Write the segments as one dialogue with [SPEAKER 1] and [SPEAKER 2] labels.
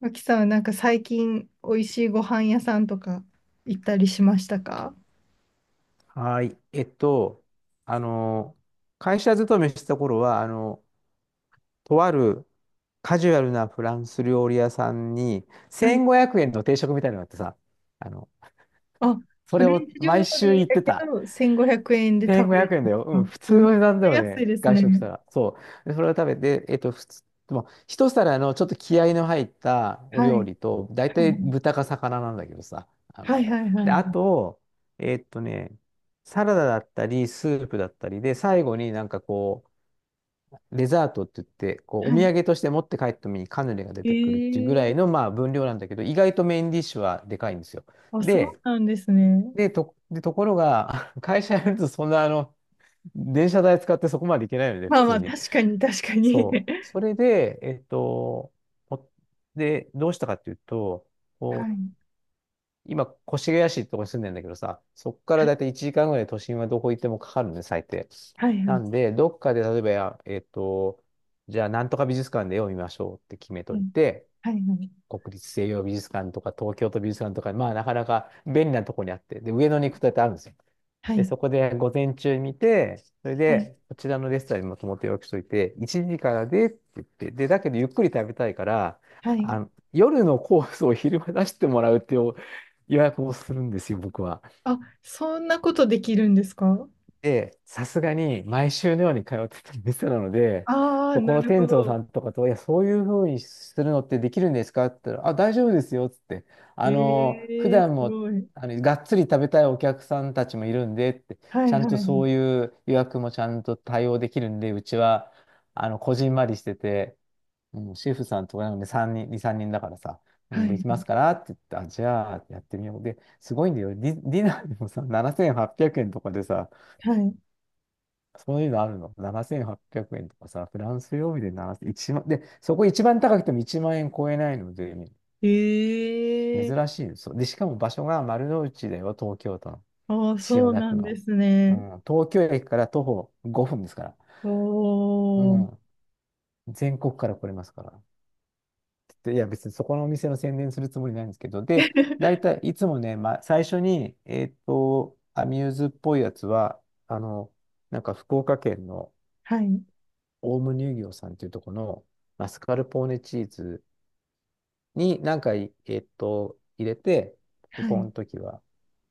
[SPEAKER 1] 脇さんはなんか最近美味しいご飯屋さんとか行ったりしましたか？
[SPEAKER 2] はい。あの、会社勤めしてた頃は、とあるカジュアルなフランス料理屋さんに、
[SPEAKER 1] はい。
[SPEAKER 2] 1500円の定食みたいなのがあってさ、あの、
[SPEAKER 1] あ、
[SPEAKER 2] そ
[SPEAKER 1] フ
[SPEAKER 2] れ
[SPEAKER 1] レン
[SPEAKER 2] を
[SPEAKER 1] チ料理
[SPEAKER 2] 毎週行っ
[SPEAKER 1] だ
[SPEAKER 2] て
[SPEAKER 1] け
[SPEAKER 2] た。
[SPEAKER 1] ど1500円で食べ
[SPEAKER 2] 1500
[SPEAKER 1] れる
[SPEAKER 2] 円
[SPEAKER 1] ん
[SPEAKER 2] だ
[SPEAKER 1] で
[SPEAKER 2] よ。
[SPEAKER 1] す
[SPEAKER 2] うん、
[SPEAKER 1] か。
[SPEAKER 2] 普通
[SPEAKER 1] めっ
[SPEAKER 2] の値段だ
[SPEAKER 1] ち
[SPEAKER 2] よ
[SPEAKER 1] ゃ安い
[SPEAKER 2] ね。
[SPEAKER 1] です
[SPEAKER 2] 外
[SPEAKER 1] ね。
[SPEAKER 2] 食したら。そう。で、それを食べて、普通、でも、一皿のちょっと気合いの入ったお
[SPEAKER 1] はい。
[SPEAKER 2] 料理と、大
[SPEAKER 1] は
[SPEAKER 2] 体豚か魚なんだけどさ。あ
[SPEAKER 1] いはい
[SPEAKER 2] の、
[SPEAKER 1] は
[SPEAKER 2] で、あ
[SPEAKER 1] い。
[SPEAKER 2] と、えっとね、サラダだったり、スープだったりで、最後になんかこう、デザートって言って、こう、お
[SPEAKER 1] は
[SPEAKER 2] 土
[SPEAKER 1] い。
[SPEAKER 2] 産として持って帰った時にカヌレが出てくるっていうぐらい
[SPEAKER 1] ええ
[SPEAKER 2] の、まあ、分量なんだけど、意外とメインディッシュはでかいんですよ。
[SPEAKER 1] ー、あ、そう
[SPEAKER 2] で、
[SPEAKER 1] なんですね。
[SPEAKER 2] で、ところが、会社やるとそんな電車代使ってそこまで行けないので、
[SPEAKER 1] ま
[SPEAKER 2] 普
[SPEAKER 1] あま
[SPEAKER 2] 通
[SPEAKER 1] あ、
[SPEAKER 2] に。
[SPEAKER 1] 確かに確かに。
[SPEAKER 2] そ う。それで、おで、どうしたかっていうと、こ
[SPEAKER 1] は
[SPEAKER 2] う、
[SPEAKER 1] い。
[SPEAKER 2] 今、越谷市ってとこに住んでんだけどさ、そこから
[SPEAKER 1] はい
[SPEAKER 2] だいたい1時間ぐらい都心はどこ行ってもかかるのね、最低。
[SPEAKER 1] は
[SPEAKER 2] な
[SPEAKER 1] い
[SPEAKER 2] んで、どっかで例えばや、えっと、じゃあ、なんとか美術館で絵を見ましょうって決め
[SPEAKER 1] は
[SPEAKER 2] と
[SPEAKER 1] い
[SPEAKER 2] いて、
[SPEAKER 1] はいはい
[SPEAKER 2] 国立西洋美術館とか東京都美術館とか、まあ、なかなか便利なとこにあって、で、上野に行くとだってあるんですよ。
[SPEAKER 1] は
[SPEAKER 2] で、そ
[SPEAKER 1] い
[SPEAKER 2] こで午前中見て、それ
[SPEAKER 1] はい
[SPEAKER 2] で、こちらのレストランにもともと予約しといて、1時からでって言って、で、だけどゆっくり食べたいから、
[SPEAKER 1] はい。
[SPEAKER 2] 夜のコースを昼間出してもらうっていう予約をするんですよ、僕は。
[SPEAKER 1] あ、そんなことできるんですか？
[SPEAKER 2] で、さすがに毎週のように通ってた店なので、
[SPEAKER 1] ああ
[SPEAKER 2] そ
[SPEAKER 1] ー、
[SPEAKER 2] こ
[SPEAKER 1] な
[SPEAKER 2] の
[SPEAKER 1] るほ
[SPEAKER 2] 店長
[SPEAKER 1] ど。
[SPEAKER 2] さんとかと、いや、そういうふうにするのってできるんですかって言ったら、あ、大丈夫ですよ、つって。
[SPEAKER 1] え
[SPEAKER 2] 普
[SPEAKER 1] えー、
[SPEAKER 2] 段
[SPEAKER 1] す
[SPEAKER 2] も、
[SPEAKER 1] ごい。
[SPEAKER 2] がっつり食べたいお客さんたちもいるんで、って、
[SPEAKER 1] は
[SPEAKER 2] ち
[SPEAKER 1] い
[SPEAKER 2] ゃん
[SPEAKER 1] は
[SPEAKER 2] とそ
[SPEAKER 1] い
[SPEAKER 2] ういう予約もちゃんと対応できるんで、うちは、こじんまりしてて、うん、シェフさんとかなんで3人、2、3人だからさ、う
[SPEAKER 1] は
[SPEAKER 2] ん
[SPEAKER 1] い。は
[SPEAKER 2] でき
[SPEAKER 1] い。
[SPEAKER 2] ますからって言って、あ、じゃあやってみよう。で、すごいんだよ。ディナーでもさ、7800円とかでさ、そういうのあるの。7800円とかさ、フランス料理で7 0万、いちまんで、そこ一番高くても1万円超えないので、
[SPEAKER 1] ええ。
[SPEAKER 2] 珍しいですそうで、しかも場所が丸の内だよ、東京都の。
[SPEAKER 1] ああ、
[SPEAKER 2] 千
[SPEAKER 1] そ
[SPEAKER 2] 代
[SPEAKER 1] う
[SPEAKER 2] 田
[SPEAKER 1] な
[SPEAKER 2] 区
[SPEAKER 1] んで
[SPEAKER 2] の。
[SPEAKER 1] す
[SPEAKER 2] う
[SPEAKER 1] ね。
[SPEAKER 2] ん、東京駅から徒歩5分ですから。
[SPEAKER 1] お
[SPEAKER 2] う
[SPEAKER 1] ー。
[SPEAKER 2] ん、全国から来れますから。でいや、別にそこのお店の宣伝するつもりないんですけど、で、大 体いつもね、まあ、最初に、アミューズっぽいやつは、あの、なんか福岡県の、
[SPEAKER 1] はい。
[SPEAKER 2] オウム乳業さんっていうところのマスカルポーネチーズに何回、入れて、で、
[SPEAKER 1] は
[SPEAKER 2] こ
[SPEAKER 1] い。
[SPEAKER 2] の時は、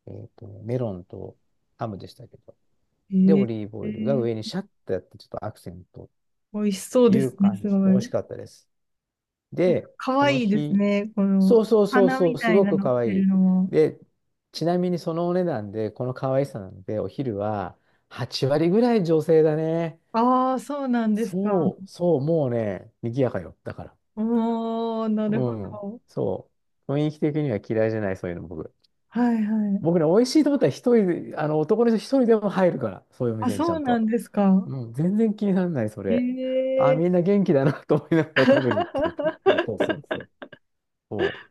[SPEAKER 2] メロンとハムでしたけど、で、オ
[SPEAKER 1] え
[SPEAKER 2] リ
[SPEAKER 1] え、
[SPEAKER 2] ーブオイルが上にシャッとやって、ちょっとアクセント
[SPEAKER 1] 美味しそう
[SPEAKER 2] とい
[SPEAKER 1] で
[SPEAKER 2] う
[SPEAKER 1] すね、
[SPEAKER 2] 感
[SPEAKER 1] す
[SPEAKER 2] じ。美
[SPEAKER 1] ご
[SPEAKER 2] 味
[SPEAKER 1] い。
[SPEAKER 2] しかったです。
[SPEAKER 1] なんか
[SPEAKER 2] で、
[SPEAKER 1] 可
[SPEAKER 2] その
[SPEAKER 1] 愛いです
[SPEAKER 2] 日、
[SPEAKER 1] ね、こ
[SPEAKER 2] そう
[SPEAKER 1] の
[SPEAKER 2] そうそう
[SPEAKER 1] 花
[SPEAKER 2] そ
[SPEAKER 1] み
[SPEAKER 2] う、す
[SPEAKER 1] たい
[SPEAKER 2] ご
[SPEAKER 1] な
[SPEAKER 2] く
[SPEAKER 1] のっ
[SPEAKER 2] 可
[SPEAKER 1] て
[SPEAKER 2] 愛
[SPEAKER 1] る
[SPEAKER 2] い。
[SPEAKER 1] のも。
[SPEAKER 2] で、ちなみにそのお値段で、この可愛さなんで、お昼は8割ぐらい女性だね。
[SPEAKER 1] ああ、そうなんですか。
[SPEAKER 2] そう、そう、もうね、賑やかよ。だから。
[SPEAKER 1] おー、なるほ
[SPEAKER 2] うん。
[SPEAKER 1] ど。
[SPEAKER 2] そう。雰囲気的には嫌いじゃない、そういうの僕。
[SPEAKER 1] はいはい。
[SPEAKER 2] 僕ね、美味しいと思ったら一人で、男の人一人でも入るから、そういうお
[SPEAKER 1] あ、
[SPEAKER 2] 店にちゃ
[SPEAKER 1] そう
[SPEAKER 2] ん
[SPEAKER 1] なん
[SPEAKER 2] と。
[SPEAKER 1] ですか。
[SPEAKER 2] うん、全然気にならない、そ
[SPEAKER 1] え
[SPEAKER 2] れ。あ、みん
[SPEAKER 1] え。
[SPEAKER 2] な元気だな と思いながら食べるっていう。そうそうそうそう。そう、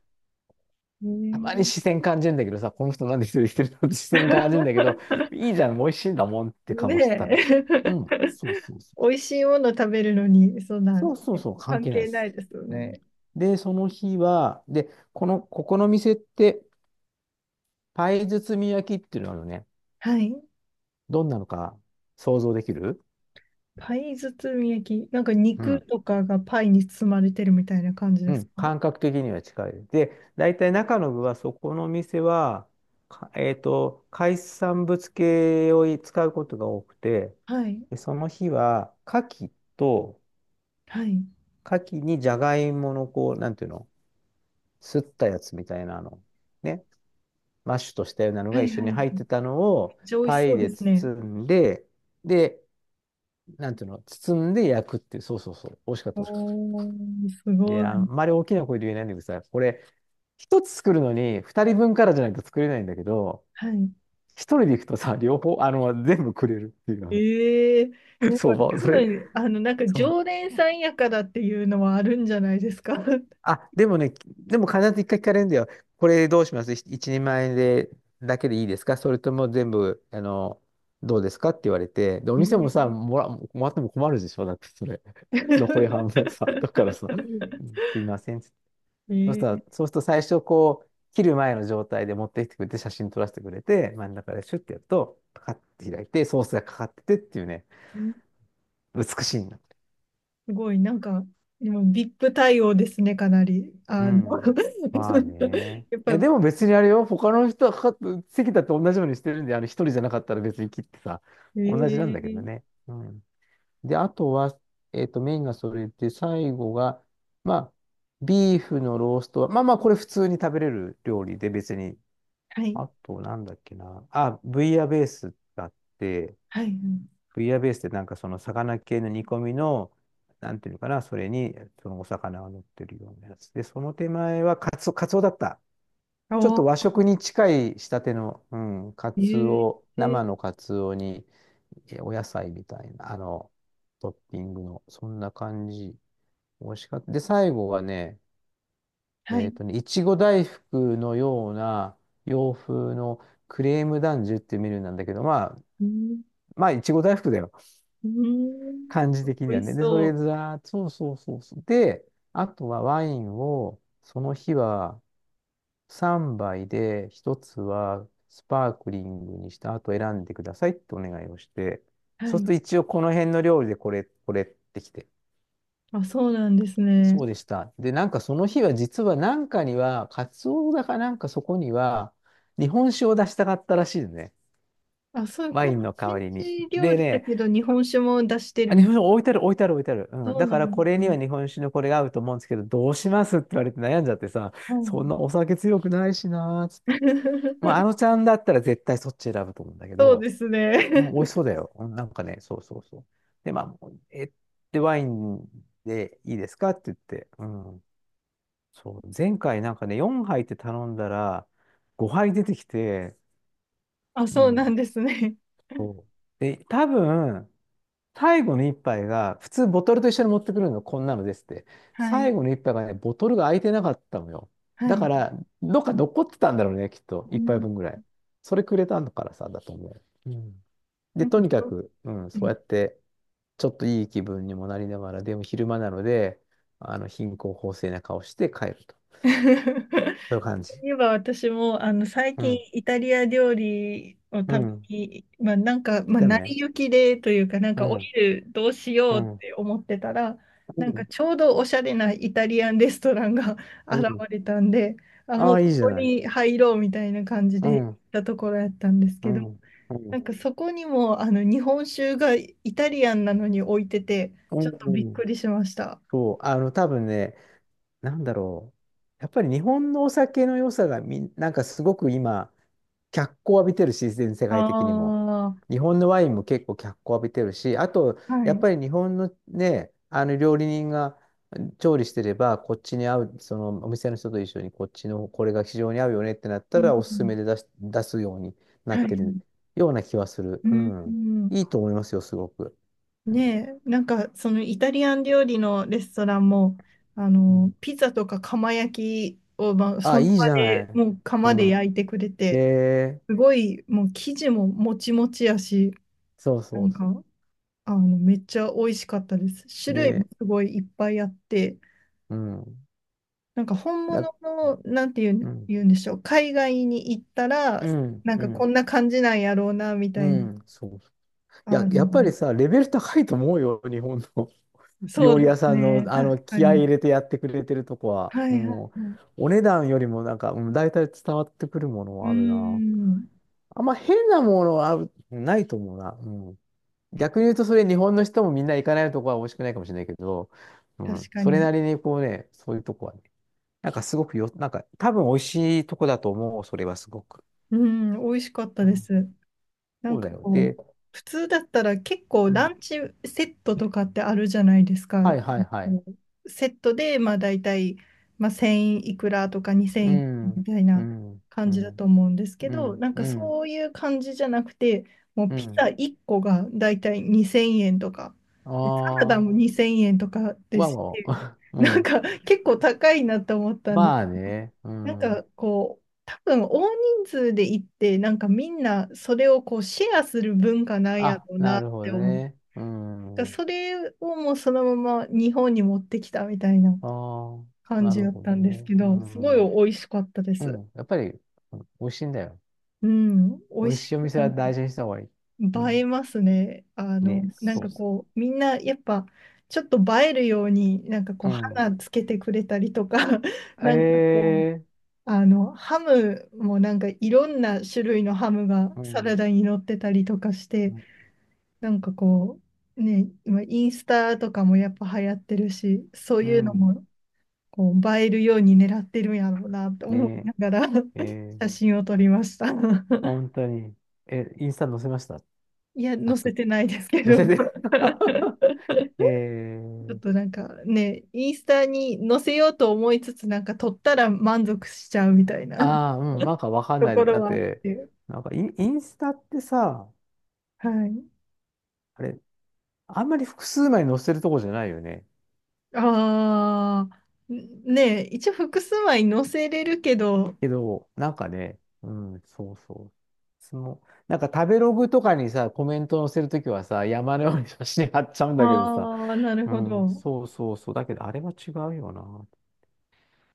[SPEAKER 2] たまに
[SPEAKER 1] え
[SPEAKER 2] 視
[SPEAKER 1] え。
[SPEAKER 2] 線感じるんだけどさ、この人なんで一人で来てるのって視線感じるんだけど、いいじゃん、美味しいんだもんって顔して食べる。
[SPEAKER 1] ね
[SPEAKER 2] う
[SPEAKER 1] え。
[SPEAKER 2] ん、そうそうそう。
[SPEAKER 1] 美味しいもの食べるのに、そんな
[SPEAKER 2] そうそうそう、関
[SPEAKER 1] 関
[SPEAKER 2] 係ないで
[SPEAKER 1] 係な
[SPEAKER 2] す。
[SPEAKER 1] いですよ
[SPEAKER 2] うん、
[SPEAKER 1] ね。
[SPEAKER 2] で、その日は、で、この、ここの店って、パイ包み焼きっていうのはあのね、
[SPEAKER 1] はい。
[SPEAKER 2] どんなのか想像できる？
[SPEAKER 1] パイ包み焼き。なんか
[SPEAKER 2] う
[SPEAKER 1] 肉
[SPEAKER 2] ん。
[SPEAKER 1] とかがパイに包まれてるみたいな感じ
[SPEAKER 2] う
[SPEAKER 1] です
[SPEAKER 2] ん。
[SPEAKER 1] か？
[SPEAKER 2] 感覚的には近い。で、大体中の具は、そこの店は、かえっと、海産物系を使うことが多くて、
[SPEAKER 1] はい。
[SPEAKER 2] で、その日は、牡蠣と、
[SPEAKER 1] はい。
[SPEAKER 2] 牡蠣にじゃがいもの、こう、なんていうの、すったやつみたいなの、ね、マッシュとしたようなの
[SPEAKER 1] は
[SPEAKER 2] が
[SPEAKER 1] い
[SPEAKER 2] 一緒
[SPEAKER 1] はい。
[SPEAKER 2] に
[SPEAKER 1] めっ
[SPEAKER 2] 入ってたのを、
[SPEAKER 1] ちゃ美味
[SPEAKER 2] パ
[SPEAKER 1] しそ
[SPEAKER 2] イ
[SPEAKER 1] うで
[SPEAKER 2] で
[SPEAKER 1] すね。
[SPEAKER 2] 包んで、で、なんていうの、包んで焼くっていう、そうそうそう、美味しかった、美味しかった。
[SPEAKER 1] おー、すご
[SPEAKER 2] で、あん
[SPEAKER 1] い。
[SPEAKER 2] まり大きな声で言えないんだけどさ、これ、一つ作るのに、二人分からじゃないと作れないんだけど、
[SPEAKER 1] はい。
[SPEAKER 2] 一人で行くとさ、両方、全部くれるっていう、
[SPEAKER 1] ええー。や、
[SPEAKER 2] 相
[SPEAKER 1] で
[SPEAKER 2] 場、まあ
[SPEAKER 1] 多
[SPEAKER 2] それ、
[SPEAKER 1] 分、あの、なんか
[SPEAKER 2] そう。
[SPEAKER 1] 常連さんやからっていうのはあるんじゃないですか。
[SPEAKER 2] あ、でもね、でも必ず一回聞かれるんだよ。これどうします一人前で、だけでいいですか、それとも全部、どうですかって言われて、で、お
[SPEAKER 1] え
[SPEAKER 2] 店
[SPEAKER 1] え
[SPEAKER 2] もさ、
[SPEAKER 1] ー。
[SPEAKER 2] もらっても困るでしょ、だってそれ。残り半分さ、だからさ、すいません。そ
[SPEAKER 1] え
[SPEAKER 2] うした
[SPEAKER 1] ー
[SPEAKER 2] ら、そうすると最初こう、切る前の状態で持ってきてくれて、写真撮らせてくれて、真ん中でシュッてやると、パカッて開いて、ソースがかかっててっていうね、美しいんだ。
[SPEAKER 1] すごい、なんか、でも VIP 対応ですね、かなり。
[SPEAKER 2] う
[SPEAKER 1] あの、
[SPEAKER 2] ん。まあね。
[SPEAKER 1] やっ
[SPEAKER 2] い
[SPEAKER 1] ぱ、
[SPEAKER 2] や、でも別にあれよ、他の人はかかっ席だって同じようにしてるんで、一人じゃなかったら別に切ってさ、
[SPEAKER 1] え
[SPEAKER 2] 同じなんだけど
[SPEAKER 1] ー、
[SPEAKER 2] ね。うん。で、あとは、メインがそれで、最後が、まあ、ビーフのローストは、まあまあ、これ普通に食べれる料理で別に。
[SPEAKER 1] はい、
[SPEAKER 2] あと、なんだっけな。あ、ブイヤベースがあって、
[SPEAKER 1] はい、はい。
[SPEAKER 2] ブイヤベースってなんかその魚系の煮込みの、なんていうのかな、それにそのお魚が乗ってるようなやつ。で、その手前はカツオ、カツオだった。ちょっと
[SPEAKER 1] お、
[SPEAKER 2] 和食に近い仕立ての、うん、カ
[SPEAKER 1] え
[SPEAKER 2] ツ
[SPEAKER 1] ー、
[SPEAKER 2] オ、
[SPEAKER 1] え
[SPEAKER 2] 生
[SPEAKER 1] ー
[SPEAKER 2] のカツオに、え、お野菜みたいな、トッピングの、そんな感じ。美味しかった。で、最後はね、
[SPEAKER 1] はい、
[SPEAKER 2] いちご大福のような洋風のクレームダンジュっていうメニューなんだけど、まあ、
[SPEAKER 1] うん、
[SPEAKER 2] まあ、いちご大福だよ。
[SPEAKER 1] うん、
[SPEAKER 2] 感じ的に
[SPEAKER 1] 美
[SPEAKER 2] は
[SPEAKER 1] 味
[SPEAKER 2] ね。
[SPEAKER 1] し
[SPEAKER 2] で、それ
[SPEAKER 1] そ
[SPEAKER 2] ずらーっと、そうそうそうそう。で、あとはワインを、その日は3杯で、1つはスパークリングにした後選んでくださいってお願いをして、
[SPEAKER 1] う。は
[SPEAKER 2] そうする
[SPEAKER 1] い、
[SPEAKER 2] と一応この辺の料理でこれ、これってきて、
[SPEAKER 1] あ、そうなんですね。
[SPEAKER 2] そうでした。で、なんかその日は実はなんかには、カツオだかなんかそこには、日本酒を出したかったらしいのね。
[SPEAKER 1] あ、そう、
[SPEAKER 2] ワ
[SPEAKER 1] こ
[SPEAKER 2] イ
[SPEAKER 1] う、
[SPEAKER 2] ン
[SPEAKER 1] フ
[SPEAKER 2] の代
[SPEAKER 1] レン
[SPEAKER 2] わりに。
[SPEAKER 1] チ料
[SPEAKER 2] で
[SPEAKER 1] 理だ
[SPEAKER 2] ね、
[SPEAKER 1] けど、日本酒も出してる
[SPEAKER 2] あ、日
[SPEAKER 1] み
[SPEAKER 2] 本
[SPEAKER 1] た
[SPEAKER 2] 酒
[SPEAKER 1] い。
[SPEAKER 2] 置いてある置いてある置いてある。うん。
[SPEAKER 1] そう
[SPEAKER 2] だか
[SPEAKER 1] な
[SPEAKER 2] ら
[SPEAKER 1] んで
[SPEAKER 2] これ
[SPEAKER 1] す
[SPEAKER 2] に
[SPEAKER 1] ね。
[SPEAKER 2] は日本酒のこれが合うと思うんですけど、どうしますって言われて悩んじゃってさ、
[SPEAKER 1] は
[SPEAKER 2] そん
[SPEAKER 1] い。
[SPEAKER 2] なお酒強くないしなーっつって。まあ、あの ちゃんだったら絶対そっち選ぶと思うんだけ
[SPEAKER 1] そう
[SPEAKER 2] ど、
[SPEAKER 1] です
[SPEAKER 2] う
[SPEAKER 1] ね。
[SPEAKER 2] ん、美味しそうだよ。うん、なんかね、そうそうそう。で、まあ、で、ワインでいいですかって言って、うん。そう、前回なんかね、4杯って頼んだら、5杯出てきて、
[SPEAKER 1] あ、
[SPEAKER 2] う
[SPEAKER 1] そうなん
[SPEAKER 2] ん。
[SPEAKER 1] ですね。
[SPEAKER 2] そうで、多分、最後の一杯が、普通ボトルと一緒に持ってくるの、こんなのですって。
[SPEAKER 1] はい、
[SPEAKER 2] 最後の一杯がね、ボトルが開いてなかったのよ。
[SPEAKER 1] は
[SPEAKER 2] だ
[SPEAKER 1] い。
[SPEAKER 2] から、どっか残ってたんだろうね、きっと。
[SPEAKER 1] う
[SPEAKER 2] 一杯
[SPEAKER 1] ん。
[SPEAKER 2] 分ぐらい。それくれたのからさ、だと思う。うん。で、
[SPEAKER 1] なん
[SPEAKER 2] と
[SPEAKER 1] か、
[SPEAKER 2] に
[SPEAKER 1] す
[SPEAKER 2] か
[SPEAKER 1] ごい。
[SPEAKER 2] く、うん、そうやって、ちょっといい気分にもなりながら、でも昼間なので、あの、貧困法制な顔して帰ると。そういう感じ。
[SPEAKER 1] 言えば私もあの最
[SPEAKER 2] う
[SPEAKER 1] 近
[SPEAKER 2] ん
[SPEAKER 1] イタリア料理を
[SPEAKER 2] う
[SPEAKER 1] 食べ
[SPEAKER 2] ん。
[SPEAKER 1] に、まあ、なんか、
[SPEAKER 2] 来
[SPEAKER 1] まあ、
[SPEAKER 2] た
[SPEAKER 1] 成
[SPEAKER 2] ね。
[SPEAKER 1] り行きでというか、なん
[SPEAKER 2] う
[SPEAKER 1] かお
[SPEAKER 2] ん。
[SPEAKER 1] 昼どうし
[SPEAKER 2] う
[SPEAKER 1] ようっ
[SPEAKER 2] ん。
[SPEAKER 1] て思ってたら、
[SPEAKER 2] う
[SPEAKER 1] なんか
[SPEAKER 2] ん。
[SPEAKER 1] ちょうどおしゃれなイタリアンレストランが
[SPEAKER 2] う
[SPEAKER 1] 現
[SPEAKER 2] ん。
[SPEAKER 1] れたんで、あ、
[SPEAKER 2] あ
[SPEAKER 1] もう
[SPEAKER 2] あ、
[SPEAKER 1] こ
[SPEAKER 2] いいじゃ
[SPEAKER 1] こ
[SPEAKER 2] ない。
[SPEAKER 1] に入ろうみたいな感じ
[SPEAKER 2] う
[SPEAKER 1] で行
[SPEAKER 2] ん。
[SPEAKER 1] っ
[SPEAKER 2] う
[SPEAKER 1] たところやったんですけど、
[SPEAKER 2] ん。う
[SPEAKER 1] な
[SPEAKER 2] ん。
[SPEAKER 1] んかそこにもあの日本酒がイタリアンなのに置いてて、
[SPEAKER 2] う
[SPEAKER 1] ちょっとびっく
[SPEAKER 2] ん。
[SPEAKER 1] りしました。
[SPEAKER 2] そう。あの、多分ね、なんだろう。やっぱり日本のお酒の良さがなんかすごく今、脚光を浴びてるし、全世
[SPEAKER 1] あ
[SPEAKER 2] 界的にも。
[SPEAKER 1] あ、は
[SPEAKER 2] 日本のワインも結構脚光を浴びてるし、あと、やっ
[SPEAKER 1] い。
[SPEAKER 2] ぱり日本のね、あの料理人が調理してれば、こっちに合う、そのお店の人と一緒にこっちのこれが非常に合うよねってなっ
[SPEAKER 1] う
[SPEAKER 2] た
[SPEAKER 1] ん
[SPEAKER 2] ら、お
[SPEAKER 1] う
[SPEAKER 2] すす
[SPEAKER 1] ん。
[SPEAKER 2] めで出すようにな
[SPEAKER 1] は
[SPEAKER 2] って
[SPEAKER 1] い。
[SPEAKER 2] るような気はする。
[SPEAKER 1] う
[SPEAKER 2] う
[SPEAKER 1] ん、う
[SPEAKER 2] ん。
[SPEAKER 1] ん。
[SPEAKER 2] いいと思いますよ、すごく。うん
[SPEAKER 1] ねえ、なんかそのイタリアン料理のレストランも、あの、ピザとか釜焼きを、まあ、そ
[SPEAKER 2] あ、
[SPEAKER 1] の
[SPEAKER 2] いい
[SPEAKER 1] 場
[SPEAKER 2] じゃな
[SPEAKER 1] で
[SPEAKER 2] い。
[SPEAKER 1] もう
[SPEAKER 2] う
[SPEAKER 1] 釜で
[SPEAKER 2] ん。
[SPEAKER 1] 焼いてくれ
[SPEAKER 2] へ
[SPEAKER 1] て、
[SPEAKER 2] え、
[SPEAKER 1] すごいもう生地ももちもちやし、
[SPEAKER 2] そう
[SPEAKER 1] な
[SPEAKER 2] そう。
[SPEAKER 1] んか、あの、めっちゃ美味しかったです。種類も
[SPEAKER 2] ね、
[SPEAKER 1] すごいいっぱいあって、
[SPEAKER 2] うん。
[SPEAKER 1] なんか本
[SPEAKER 2] だ、
[SPEAKER 1] 物の、なんていう
[SPEAKER 2] う
[SPEAKER 1] ん、
[SPEAKER 2] ん。
[SPEAKER 1] 言うんでしょう、海外に行ったら、
[SPEAKER 2] うん。
[SPEAKER 1] なん
[SPEAKER 2] う
[SPEAKER 1] かこ
[SPEAKER 2] ん。
[SPEAKER 1] んな感じなんやろうな、み
[SPEAKER 2] う
[SPEAKER 1] たいな。
[SPEAKER 2] ん。そう、い
[SPEAKER 1] あ
[SPEAKER 2] や、
[SPEAKER 1] の、
[SPEAKER 2] やっぱりさ、レベル高いと思うよ、日本の
[SPEAKER 1] そう
[SPEAKER 2] 料理
[SPEAKER 1] で
[SPEAKER 2] 屋
[SPEAKER 1] す
[SPEAKER 2] さんの、
[SPEAKER 1] ね、
[SPEAKER 2] あの
[SPEAKER 1] 確か
[SPEAKER 2] 気合い
[SPEAKER 1] に。
[SPEAKER 2] 入れてやってくれてるとこは。
[SPEAKER 1] はいは
[SPEAKER 2] も
[SPEAKER 1] いはい。
[SPEAKER 2] う、お値段よりもなんか、うん、大体伝わってくるもの
[SPEAKER 1] うー
[SPEAKER 2] はあるな。
[SPEAKER 1] ん、
[SPEAKER 2] あんま変なものはあるないと思うな。うん、逆に言うと、それ日本の人もみんな行かないとこは美味しくないかもしれないけど、う
[SPEAKER 1] 確
[SPEAKER 2] ん、
[SPEAKER 1] か
[SPEAKER 2] それ
[SPEAKER 1] に。
[SPEAKER 2] なりにこうね、そういうとこはね、なんかすごくよ、なんか多分美味しいとこだと思う、それはすごく。
[SPEAKER 1] うーん、美味しかった
[SPEAKER 2] う
[SPEAKER 1] で
[SPEAKER 2] ん、
[SPEAKER 1] す。な
[SPEAKER 2] そ
[SPEAKER 1] ん
[SPEAKER 2] う
[SPEAKER 1] か
[SPEAKER 2] だよ。
[SPEAKER 1] こ
[SPEAKER 2] で、
[SPEAKER 1] う、普通だったら結構
[SPEAKER 2] う
[SPEAKER 1] ラ
[SPEAKER 2] ん、
[SPEAKER 1] ンチセットとかってあるじゃないです
[SPEAKER 2] は
[SPEAKER 1] か。
[SPEAKER 2] いはいはい。
[SPEAKER 1] こうセットで、まあ大体、まあ、1000いくらとか
[SPEAKER 2] う
[SPEAKER 1] 2000いくらみ
[SPEAKER 2] ん、
[SPEAKER 1] たい
[SPEAKER 2] う
[SPEAKER 1] な
[SPEAKER 2] ん、
[SPEAKER 1] 感
[SPEAKER 2] う
[SPEAKER 1] じだと
[SPEAKER 2] ん。
[SPEAKER 1] 思うんですけ
[SPEAKER 2] う
[SPEAKER 1] ど、
[SPEAKER 2] ん、
[SPEAKER 1] なんか
[SPEAKER 2] うん、
[SPEAKER 1] そういう感じじゃなくて、もう
[SPEAKER 2] う
[SPEAKER 1] ピザ
[SPEAKER 2] ん。
[SPEAKER 1] 1個が大体2000円とか、でサラダ
[SPEAKER 2] あ
[SPEAKER 1] も
[SPEAKER 2] あ、
[SPEAKER 1] 2000円とかで
[SPEAKER 2] ま
[SPEAKER 1] す
[SPEAKER 2] あも
[SPEAKER 1] し、
[SPEAKER 2] う、う
[SPEAKER 1] なん
[SPEAKER 2] ん。
[SPEAKER 1] か結構高いなと思ったんです。
[SPEAKER 2] まあね、う
[SPEAKER 1] なん
[SPEAKER 2] ん。
[SPEAKER 1] かこう、多分大人数で行って、なんかみんなそれをこうシェアする文化なんや
[SPEAKER 2] あ、
[SPEAKER 1] ろうな
[SPEAKER 2] な
[SPEAKER 1] っ
[SPEAKER 2] るほ
[SPEAKER 1] て
[SPEAKER 2] ど
[SPEAKER 1] 思う。
[SPEAKER 2] ね。う
[SPEAKER 1] だから
[SPEAKER 2] ん。
[SPEAKER 1] それをもうそのまま日本に持ってきたみたいな
[SPEAKER 2] ああ、
[SPEAKER 1] 感
[SPEAKER 2] な
[SPEAKER 1] じ
[SPEAKER 2] る
[SPEAKER 1] だっ
[SPEAKER 2] ほ
[SPEAKER 1] た
[SPEAKER 2] ど
[SPEAKER 1] んです
[SPEAKER 2] ね。
[SPEAKER 1] け
[SPEAKER 2] う
[SPEAKER 1] ど、すご
[SPEAKER 2] ん。
[SPEAKER 1] い
[SPEAKER 2] う
[SPEAKER 1] 美味しかったです。
[SPEAKER 2] ん。やっぱり、うん美味しいんだよ。
[SPEAKER 1] うん、美
[SPEAKER 2] 美
[SPEAKER 1] 味
[SPEAKER 2] 味
[SPEAKER 1] しい。
[SPEAKER 2] しいお店
[SPEAKER 1] な
[SPEAKER 2] は大
[SPEAKER 1] ん
[SPEAKER 2] 事にした方がいい。う
[SPEAKER 1] か映え
[SPEAKER 2] ん。
[SPEAKER 1] ますね。あの、
[SPEAKER 2] ね、
[SPEAKER 1] なん
[SPEAKER 2] そう
[SPEAKER 1] か
[SPEAKER 2] そ
[SPEAKER 1] こう、みんなやっぱちょっと映えるように、なんかこ
[SPEAKER 2] う。
[SPEAKER 1] う、
[SPEAKER 2] うん。
[SPEAKER 1] 花つけてくれたりとか、なんかこう、
[SPEAKER 2] ええ
[SPEAKER 1] あの、ハムもなんかいろんな種類のハムが
[SPEAKER 2] う
[SPEAKER 1] サラ
[SPEAKER 2] ん。
[SPEAKER 1] ダに乗ってたりとかして、
[SPEAKER 2] うん。
[SPEAKER 1] なんかこう、ね、今インスタとかもやっぱ流行ってるし、そう
[SPEAKER 2] う
[SPEAKER 1] いうの
[SPEAKER 2] ん
[SPEAKER 1] もこう映えるように狙ってるんやろうなと思い
[SPEAKER 2] ね
[SPEAKER 1] ながら
[SPEAKER 2] え、え え
[SPEAKER 1] 写真を撮りました。
[SPEAKER 2] 本当に。え、インスタ載せました。
[SPEAKER 1] いや、
[SPEAKER 2] サ
[SPEAKER 1] 載
[SPEAKER 2] ク
[SPEAKER 1] せ
[SPEAKER 2] ッ
[SPEAKER 1] てないですけ
[SPEAKER 2] と。
[SPEAKER 1] ど、
[SPEAKER 2] 載
[SPEAKER 1] ち
[SPEAKER 2] せて。
[SPEAKER 1] ょっ と
[SPEAKER 2] ええ
[SPEAKER 1] なんかね、インスタに載せようと思いつつ、なんか撮ったら満足しちゃうみたいな
[SPEAKER 2] ああ、うん、なんかわかん
[SPEAKER 1] と
[SPEAKER 2] ない
[SPEAKER 1] こ
[SPEAKER 2] の。だ
[SPEAKER 1] ろ
[SPEAKER 2] っ
[SPEAKER 1] はあっ
[SPEAKER 2] て、
[SPEAKER 1] て、
[SPEAKER 2] なんかインスタってさ、
[SPEAKER 1] はい。
[SPEAKER 2] あれ、あんまり複数枚載せるとこじゃないよね。
[SPEAKER 1] ああ、ねえ、一応複数枚載せれるけど、
[SPEAKER 2] けど、なんかね、うん、そうそう。その、なんか食べログとかにさ、コメント載せるときはさ、山のように写真貼っちゃうんだけどさ、
[SPEAKER 1] ああ、なる
[SPEAKER 2] う
[SPEAKER 1] ほ
[SPEAKER 2] ん、
[SPEAKER 1] ど。
[SPEAKER 2] そうそうそう。だけど、あれは違うよな。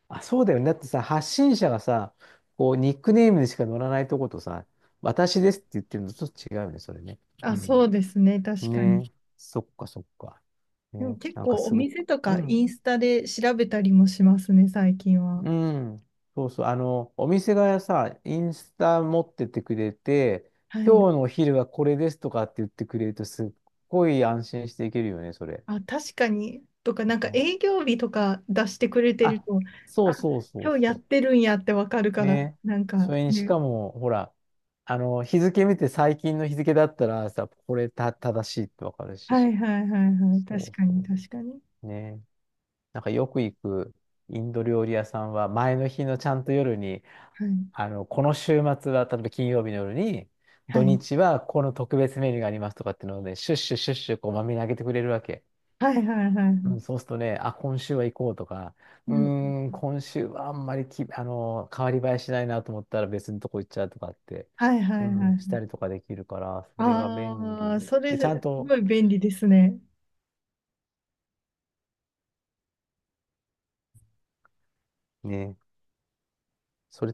[SPEAKER 2] あ、そうだよね。だってさ、発信者がさ、こう、ニックネームでしか載らないとことさ、私ですって言ってるのとちょっと違うよね、それね。う
[SPEAKER 1] あ、そ
[SPEAKER 2] ん。
[SPEAKER 1] うですね、確
[SPEAKER 2] ね
[SPEAKER 1] かに。
[SPEAKER 2] え、そっかそっか。
[SPEAKER 1] でも
[SPEAKER 2] ねえ、
[SPEAKER 1] 結
[SPEAKER 2] なんか
[SPEAKER 1] 構お
[SPEAKER 2] すごく。
[SPEAKER 1] 店と
[SPEAKER 2] う
[SPEAKER 1] か
[SPEAKER 2] ん、
[SPEAKER 1] インスタで調べたりもしますね、最近は。
[SPEAKER 2] うん。そうそう。あの、お店がさ、インスタ持っててくれて、
[SPEAKER 1] はい。
[SPEAKER 2] 今日のお昼はこれですとかって言ってくれると、すっごい安心していけるよね、それ。
[SPEAKER 1] あ、確かに。とか、なんか
[SPEAKER 2] ね
[SPEAKER 1] 営業日とか出してくれてる
[SPEAKER 2] あ、
[SPEAKER 1] と、
[SPEAKER 2] そ
[SPEAKER 1] あ、
[SPEAKER 2] うそうそう
[SPEAKER 1] 今日やっ
[SPEAKER 2] そ
[SPEAKER 1] てるんやってわかる
[SPEAKER 2] う。
[SPEAKER 1] から、
[SPEAKER 2] ね
[SPEAKER 1] なんか
[SPEAKER 2] それにし
[SPEAKER 1] ね。
[SPEAKER 2] かも、ほら、あの、日付見て最近の日付だったらさ、これた正しいってわかる
[SPEAKER 1] は
[SPEAKER 2] し。
[SPEAKER 1] いはいはいはい。
[SPEAKER 2] そ
[SPEAKER 1] 確
[SPEAKER 2] う
[SPEAKER 1] かに
[SPEAKER 2] そ
[SPEAKER 1] 確かに。
[SPEAKER 2] う。ねなんかよく行くインド料理屋さんは、前の日のちゃんと夜に、
[SPEAKER 1] はい。
[SPEAKER 2] あの、この週末は、例えば金曜日の夜に、
[SPEAKER 1] は
[SPEAKER 2] 土
[SPEAKER 1] い。
[SPEAKER 2] 日はこの特別メニューがありますとかっていうのをね、シュッシュシュッシュこうまめにあげてくれるわけ。
[SPEAKER 1] はいはいはいは
[SPEAKER 2] うん、
[SPEAKER 1] い。
[SPEAKER 2] そうするとね、あ、今週は行こうとか、
[SPEAKER 1] う
[SPEAKER 2] う
[SPEAKER 1] ん。
[SPEAKER 2] ーん、今週はあんまりき、あの、変わり映えしないなと思ったら別のとこ行っちゃうとかって、
[SPEAKER 1] はいは
[SPEAKER 2] う
[SPEAKER 1] いはいは
[SPEAKER 2] ん、した
[SPEAKER 1] い。
[SPEAKER 2] りとかできるから、それは便
[SPEAKER 1] ああ、
[SPEAKER 2] 利。
[SPEAKER 1] それ、
[SPEAKER 2] で、ちゃん
[SPEAKER 1] すご
[SPEAKER 2] と
[SPEAKER 1] い便利ですね。
[SPEAKER 2] ね、それ